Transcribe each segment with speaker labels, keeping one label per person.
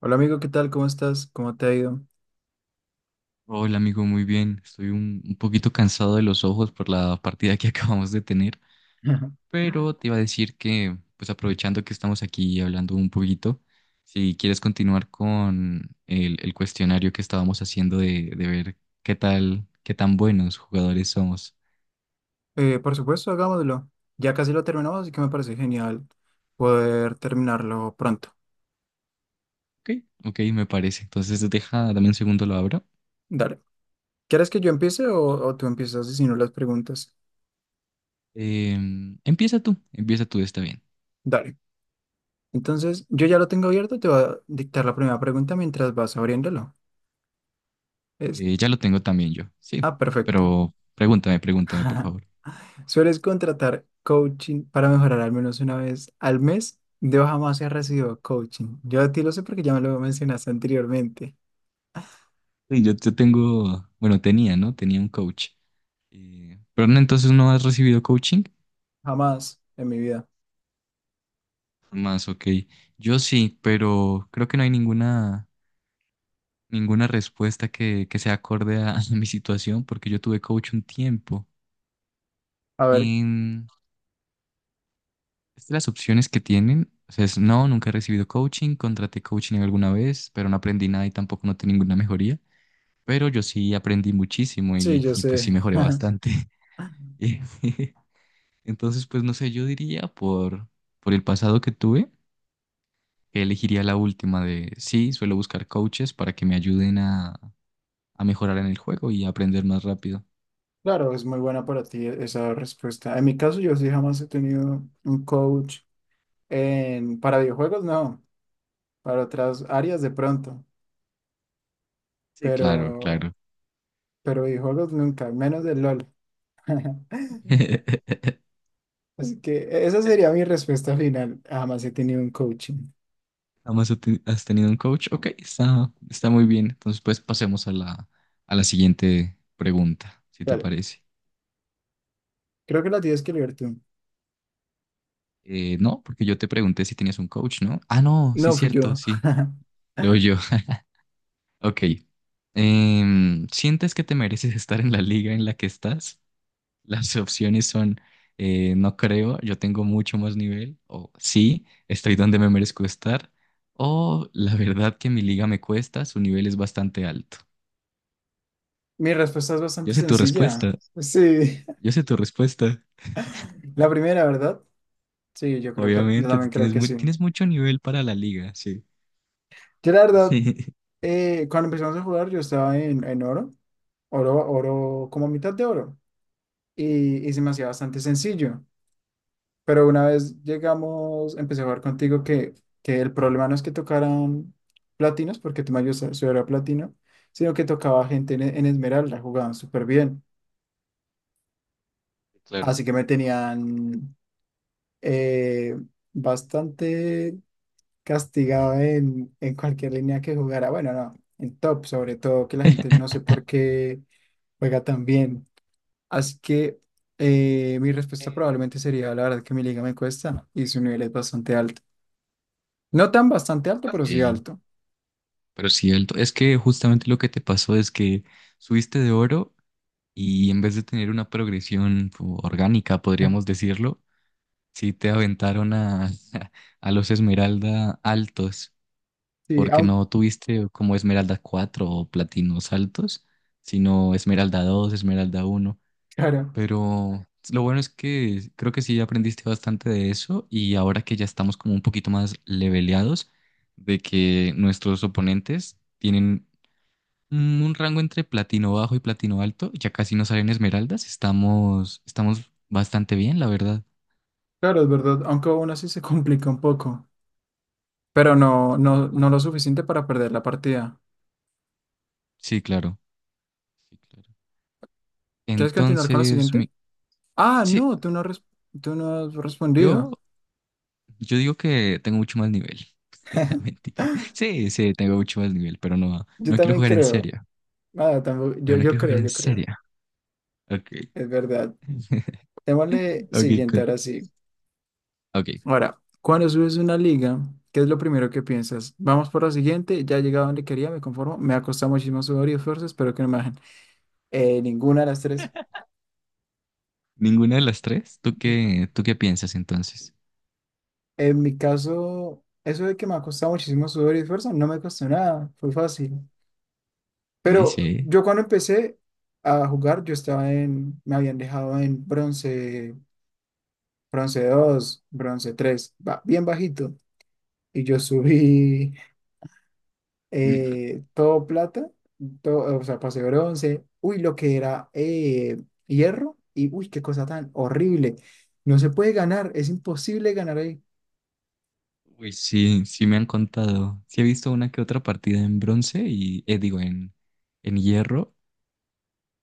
Speaker 1: Hola amigo, ¿qué tal? ¿Cómo estás? ¿Cómo te ha ido?
Speaker 2: Hola amigo, muy bien. Estoy un poquito cansado de los ojos por la partida que acabamos de tener, pero te iba a decir que, pues aprovechando que estamos aquí hablando un poquito, si quieres continuar con el cuestionario que estábamos haciendo de ver qué tal, qué tan buenos jugadores somos.
Speaker 1: Por supuesto, hagámoslo. Ya casi lo terminamos, así que me parece genial poder terminarlo pronto.
Speaker 2: Ok, ok, me parece. Entonces deja, dame un segundo, lo abro.
Speaker 1: Dale. ¿Quieres que yo empiece o tú empiezas si no las preguntas?
Speaker 2: Empieza tú, empieza tú, está bien.
Speaker 1: Dale. Entonces, yo ya lo tengo abierto, te voy a dictar la primera pregunta mientras vas abriéndolo. Es,
Speaker 2: Ya lo tengo también yo, sí,
Speaker 1: ah, perfecto.
Speaker 2: pero pregúntame, pregúntame, por favor.
Speaker 1: ¿Sueles contratar coaching para mejorar al menos una vez al mes? Yo jamás he recibido coaching. Yo a ti lo sé porque ya me lo mencionaste anteriormente.
Speaker 2: Sí, yo tengo, bueno, tenía, ¿no? Tenía un coach. Pero no, entonces no has recibido coaching.
Speaker 1: Jamás en mi vida.
Speaker 2: Más, ok. Yo sí, pero creo que no hay ninguna respuesta que sea acorde a, a mi situación, porque yo tuve coach un tiempo.
Speaker 1: A ver,
Speaker 2: En, es de las opciones que tienen, o sea, es no, nunca he recibido coaching, contraté coaching alguna vez, pero no aprendí nada y tampoco noté ninguna mejoría. Pero yo sí aprendí muchísimo
Speaker 1: sí, yo
Speaker 2: y pues sí
Speaker 1: sé.
Speaker 2: mejoré bastante. Entonces, pues no sé, yo diría por el pasado que tuve, que elegiría la última de, sí, suelo buscar coaches para que me ayuden a mejorar en el juego y a aprender más rápido.
Speaker 1: Claro, es muy buena para ti esa respuesta. En mi caso, yo sí jamás he tenido un coach para videojuegos, no, para otras áreas de pronto,
Speaker 2: Sí, claro,
Speaker 1: pero,
Speaker 2: claro.
Speaker 1: pero videojuegos nunca, menos del LOL. Así que esa sería mi respuesta final. Jamás he tenido un coaching.
Speaker 2: Además has tenido un coach. Ok, está, está muy bien. Entonces, pues pasemos a a la siguiente pregunta, si te
Speaker 1: Vale,
Speaker 2: parece.
Speaker 1: creo que la tienes que leer tú.
Speaker 2: No, porque yo te pregunté si tenías un coach, ¿no? Ah, no, sí,
Speaker 1: No fui
Speaker 2: cierto,
Speaker 1: yo.
Speaker 2: sí. Luego yo. Ok. ¿Sientes que te mereces estar en la liga en la que estás? Las opciones son, no creo, yo tengo mucho más nivel, o sí, estoy donde me merezco estar, o la verdad que mi liga me cuesta, su nivel es bastante alto.
Speaker 1: Mi respuesta es bastante
Speaker 2: Yo sé tu
Speaker 1: sencilla.
Speaker 2: respuesta,
Speaker 1: Sí,
Speaker 2: yo sé tu respuesta.
Speaker 1: la primera, ¿verdad? Sí, yo creo que yo
Speaker 2: Obviamente, tú
Speaker 1: también creo
Speaker 2: tienes
Speaker 1: que
Speaker 2: muy,
Speaker 1: sí.
Speaker 2: tienes mucho nivel para la liga, sí.
Speaker 1: Yo la verdad. Cuando empezamos a jugar, yo estaba en oro, oro, oro, como mitad de oro, y se me hacía bastante sencillo. Pero una vez llegamos, empecé a jugar contigo que el problema no es que tocaran platinos, porque tú me ayudas a subir a platino, sino que tocaba gente en esmeralda, jugaban súper bien.
Speaker 2: Claro.
Speaker 1: Así que me tenían eh, bastante castigado en cualquier línea que jugara. Bueno, no, en top, sobre todo, que la gente no sé por qué juega tan bien. Así que mi respuesta probablemente sería, la verdad que mi liga me cuesta y su nivel es bastante alto. No tan bastante alto, pero sí
Speaker 2: Sí,
Speaker 1: alto.
Speaker 2: pero sí, el to- es que justamente lo que te pasó es que subiste de oro y en vez de tener una progresión po- orgánica, podríamos decirlo, sí te aventaron a, a los Esmeralda altos,
Speaker 1: Sí,
Speaker 2: porque
Speaker 1: aunque,
Speaker 2: no tuviste como Esmeralda 4 o Platinos altos, sino Esmeralda 2 Esmeralda uno.
Speaker 1: claro,
Speaker 2: Pero lo bueno es que creo que sí aprendiste bastante de eso y ahora que ya estamos como un poquito más leveleados, de que nuestros oponentes tienen un rango entre Platino bajo y Platino alto, ya casi no salen Esmeraldas, estamos, estamos bastante bien, la verdad.
Speaker 1: claro, es verdad, aunque aún así se complica un poco, pero no, no, no lo suficiente para perder la partida.
Speaker 2: Sí, claro. Sí, claro.
Speaker 1: ¿Quieres continuar con la
Speaker 2: Entonces,
Speaker 1: siguiente?
Speaker 2: mi-
Speaker 1: Ah,
Speaker 2: sí,
Speaker 1: no, tú no has, tú no has
Speaker 2: yo,
Speaker 1: respondido.
Speaker 2: yo digo que tengo mucho más nivel. Mentira. Sí, sí, tengo mucho más nivel, pero no,
Speaker 1: Yo
Speaker 2: no quiero
Speaker 1: también
Speaker 2: jugar en
Speaker 1: creo.
Speaker 2: serio.
Speaker 1: Nada, tampoco,
Speaker 2: Pero no
Speaker 1: yo
Speaker 2: quiero jugar
Speaker 1: creo,
Speaker 2: en
Speaker 1: yo creo.
Speaker 2: serio. Ok.
Speaker 1: Es verdad. Démosle
Speaker 2: Ok,
Speaker 1: siguiente
Speaker 2: con-
Speaker 1: ahora sí.
Speaker 2: ok.
Speaker 1: Ahora, cuando subes una liga, ¿qué es lo primero que piensas? Vamos por la siguiente, ya he llegado donde quería, me conformo, me ha costado muchísimo sudor y esfuerzo, espero que no me bajen. Ninguna de las tres.
Speaker 2: ¿Ninguna de las tres? Tú qué piensas entonces?
Speaker 1: En mi caso, eso de que me ha costado muchísimo sudor y esfuerzo, no me costó nada, fue fácil.
Speaker 2: Sí,
Speaker 1: Pero
Speaker 2: sí.
Speaker 1: yo cuando empecé a jugar, yo estaba en, me habían dejado en bronce, bronce 2, bronce 3, bien bajito. Y yo subí todo plata, todo, o sea, pasé bronce, uy, lo que era hierro, y uy, qué cosa tan horrible. No se puede ganar, es imposible ganar ahí.
Speaker 2: Uy, sí, sí me han contado. Sí he visto una que otra partida en bronce y, digo, en hierro.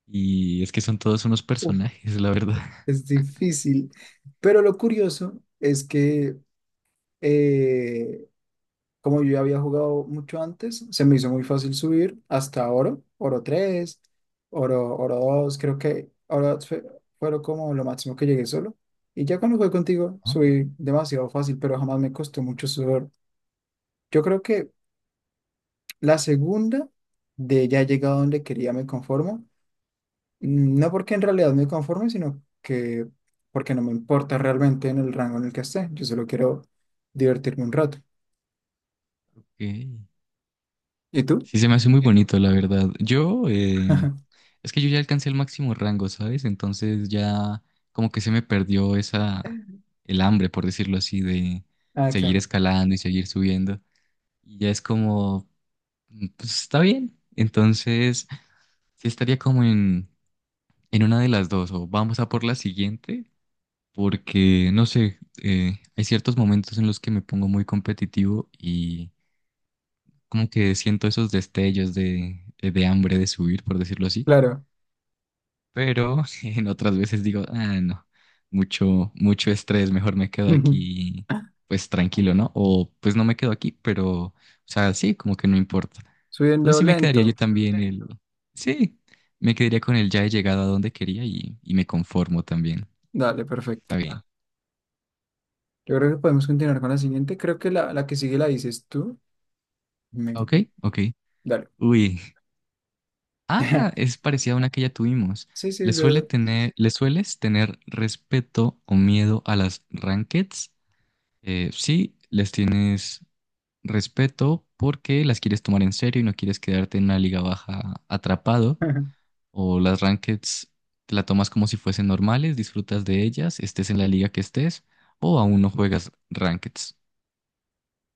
Speaker 2: Y es que son todos unos
Speaker 1: Uf,
Speaker 2: personajes, la verdad.
Speaker 1: es difícil. Pero lo curioso es que eh, como yo ya había jugado mucho antes, se me hizo muy fácil subir hasta oro, oro 3, oro, oro 2, creo que oro fue, fueron como lo máximo que llegué solo. Y ya cuando jugué contigo,
Speaker 2: Ah,
Speaker 1: subí demasiado fácil, pero jamás me costó mucho subir. Yo creo que la segunda de ya he llegado donde quería me conformo. No porque en realidad me conforme, sino que porque no me importa realmente en el rango en el que esté. Yo solo quiero divertirme un rato.
Speaker 2: ok.
Speaker 1: ¿Y tú?
Speaker 2: Sí, se me hace muy bonito, la verdad. Yo, es que yo ya alcancé el máximo rango, ¿sabes? Entonces ya como que se me perdió esa, el hambre, por decirlo así, de
Speaker 1: Ah,
Speaker 2: seguir
Speaker 1: claro.
Speaker 2: escalando y seguir subiendo. Y ya es como, mm, pues está bien. Entonces sí estaría como en una de las dos, o vamos a por la siguiente, porque no sé, hay ciertos momentos en los que me pongo muy competitivo como que siento esos destellos de hambre de subir, por decirlo así,
Speaker 1: Claro.
Speaker 2: pero en otras veces digo, ah, no, mucho, mucho estrés, mejor me quedo aquí, pues tranquilo, ¿no? O pues no me quedo aquí, pero, o sea, sí, como que no importa. Entonces
Speaker 1: Subiendo
Speaker 2: sí me quedaría yo
Speaker 1: lento.
Speaker 2: también el, sí, me quedaría con el ya he llegado a donde quería y me conformo también.
Speaker 1: Dale, perfecto.
Speaker 2: Está bien. Ah,
Speaker 1: Yo creo que podemos continuar con la siguiente. Creo que la que sigue la dices tú. Me-
Speaker 2: ok, ok.
Speaker 1: Dale.
Speaker 2: Uy. Ah, es parecida a una que ya tuvimos.
Speaker 1: Sí, sí,
Speaker 2: ¿Le
Speaker 1: es
Speaker 2: suele
Speaker 1: verdad.
Speaker 2: tener, le sueles tener respeto o miedo a las rankeds? Sí, les tienes respeto porque las quieres tomar en serio y no quieres quedarte en una liga baja atrapado. O las rankeds te la tomas como si fuesen normales, disfrutas de ellas, estés en la liga que estés, o aún no juegas rankeds.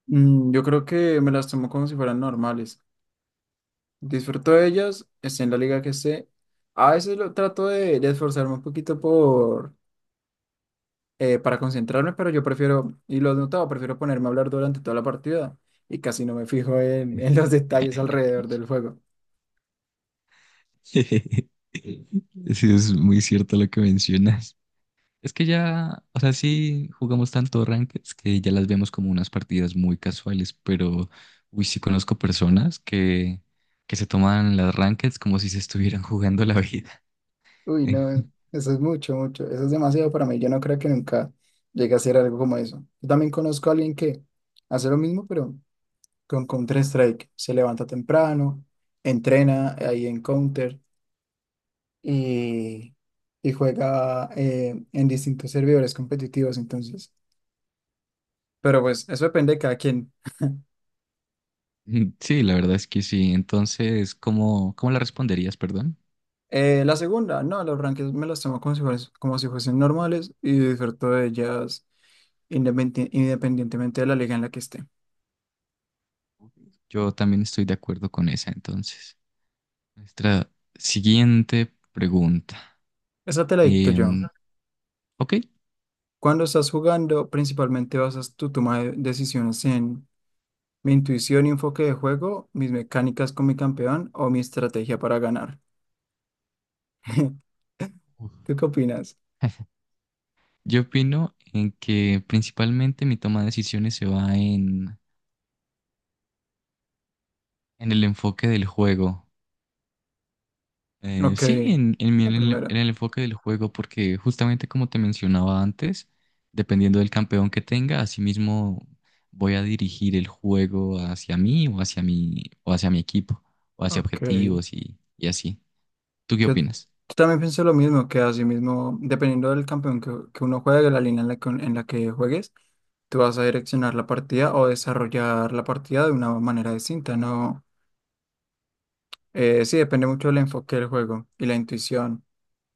Speaker 1: Mm, yo creo que me las tomo como si fueran normales. Disfruto de ellas, esté en la liga que esté. A veces lo trato de esforzarme un poquito por, para concentrarme, pero yo prefiero, y lo he notado, prefiero ponerme a hablar durante toda la partida y casi no me fijo en los detalles alrededor del juego.
Speaker 2: Sí, es muy cierto lo que mencionas. Es que ya, o sea, sí jugamos tanto rankeds que ya las vemos como unas partidas muy casuales, pero uy, sí conozco personas que se toman las rankeds como si se estuvieran jugando la vida.
Speaker 1: Uy, no, eso es mucho, mucho, eso es demasiado para mí. Yo no creo que nunca llegue a hacer algo como eso. Yo también conozco a alguien que hace lo mismo, pero con Counter-Strike. Se levanta temprano, entrena ahí en Counter y, y juega en distintos servidores competitivos, entonces. Pero pues eso depende de cada quien.
Speaker 2: Sí, la verdad es que sí. Entonces, ¿cómo, cómo la responderías, perdón?
Speaker 1: La segunda, no, los rankings me los tomo como si como si fuesen normales y disfruto de ellas independientemente de la liga en la que esté.
Speaker 2: Yo también estoy de acuerdo con esa, entonces. Nuestra siguiente pregunta.
Speaker 1: Esa te la dicto yo.
Speaker 2: Em, ok.
Speaker 1: Cuando estás jugando, principalmente basas tu toma de decisiones en mi intuición y enfoque de juego, mis mecánicas con mi campeón o mi estrategia para ganar.
Speaker 2: Uf.
Speaker 1: ¿Tú qué opinas?
Speaker 2: Yo opino en que principalmente mi toma de decisiones se va en el enfoque del juego.
Speaker 1: Ok,
Speaker 2: Sí, en mi-
Speaker 1: la
Speaker 2: en
Speaker 1: primera.
Speaker 2: el enfoque del juego, porque justamente como te mencionaba antes, dependiendo del campeón que tenga, asimismo voy a dirigir el juego hacia mí o hacia mi equipo, o hacia
Speaker 1: Ok,
Speaker 2: objetivos y así. ¿Tú qué
Speaker 1: yo
Speaker 2: opinas?
Speaker 1: también pienso lo mismo, que así mismo, dependiendo del campeón que uno juegue, de la línea en la que juegues, tú vas a direccionar la partida o desarrollar la partida de una manera distinta, ¿no? Sí, depende mucho del enfoque del juego y la intuición.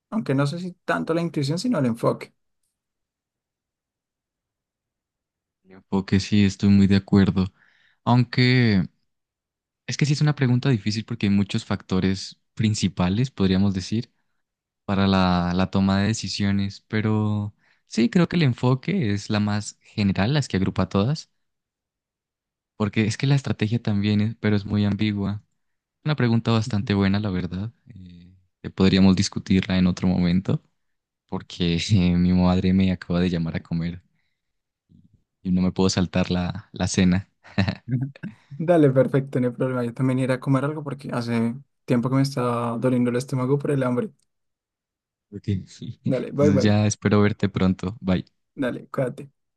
Speaker 1: Aunque no sé si tanto la intuición, sino el enfoque.
Speaker 2: El enfoque sí, estoy muy de acuerdo. Aunque es que sí es una pregunta difícil porque hay muchos factores principales, podríamos decir, para la toma de decisiones, pero sí, creo que el enfoque es la más general, las que agrupa a todas, porque es que la estrategia también es, pero es muy ambigua. Una pregunta bastante buena, la verdad, que podríamos discutirla en otro momento, porque mi madre me acaba de llamar a comer y no me puedo saltar la cena.
Speaker 1: Ujú. Dale, perfecto, no hay problema. Yo también iré a comer algo porque hace tiempo que me está doliendo el estómago por el hambre.
Speaker 2: Ok.
Speaker 1: Dale, bye
Speaker 2: Entonces
Speaker 1: bye.
Speaker 2: ya espero verte pronto. Bye.
Speaker 1: Dale, cuídate.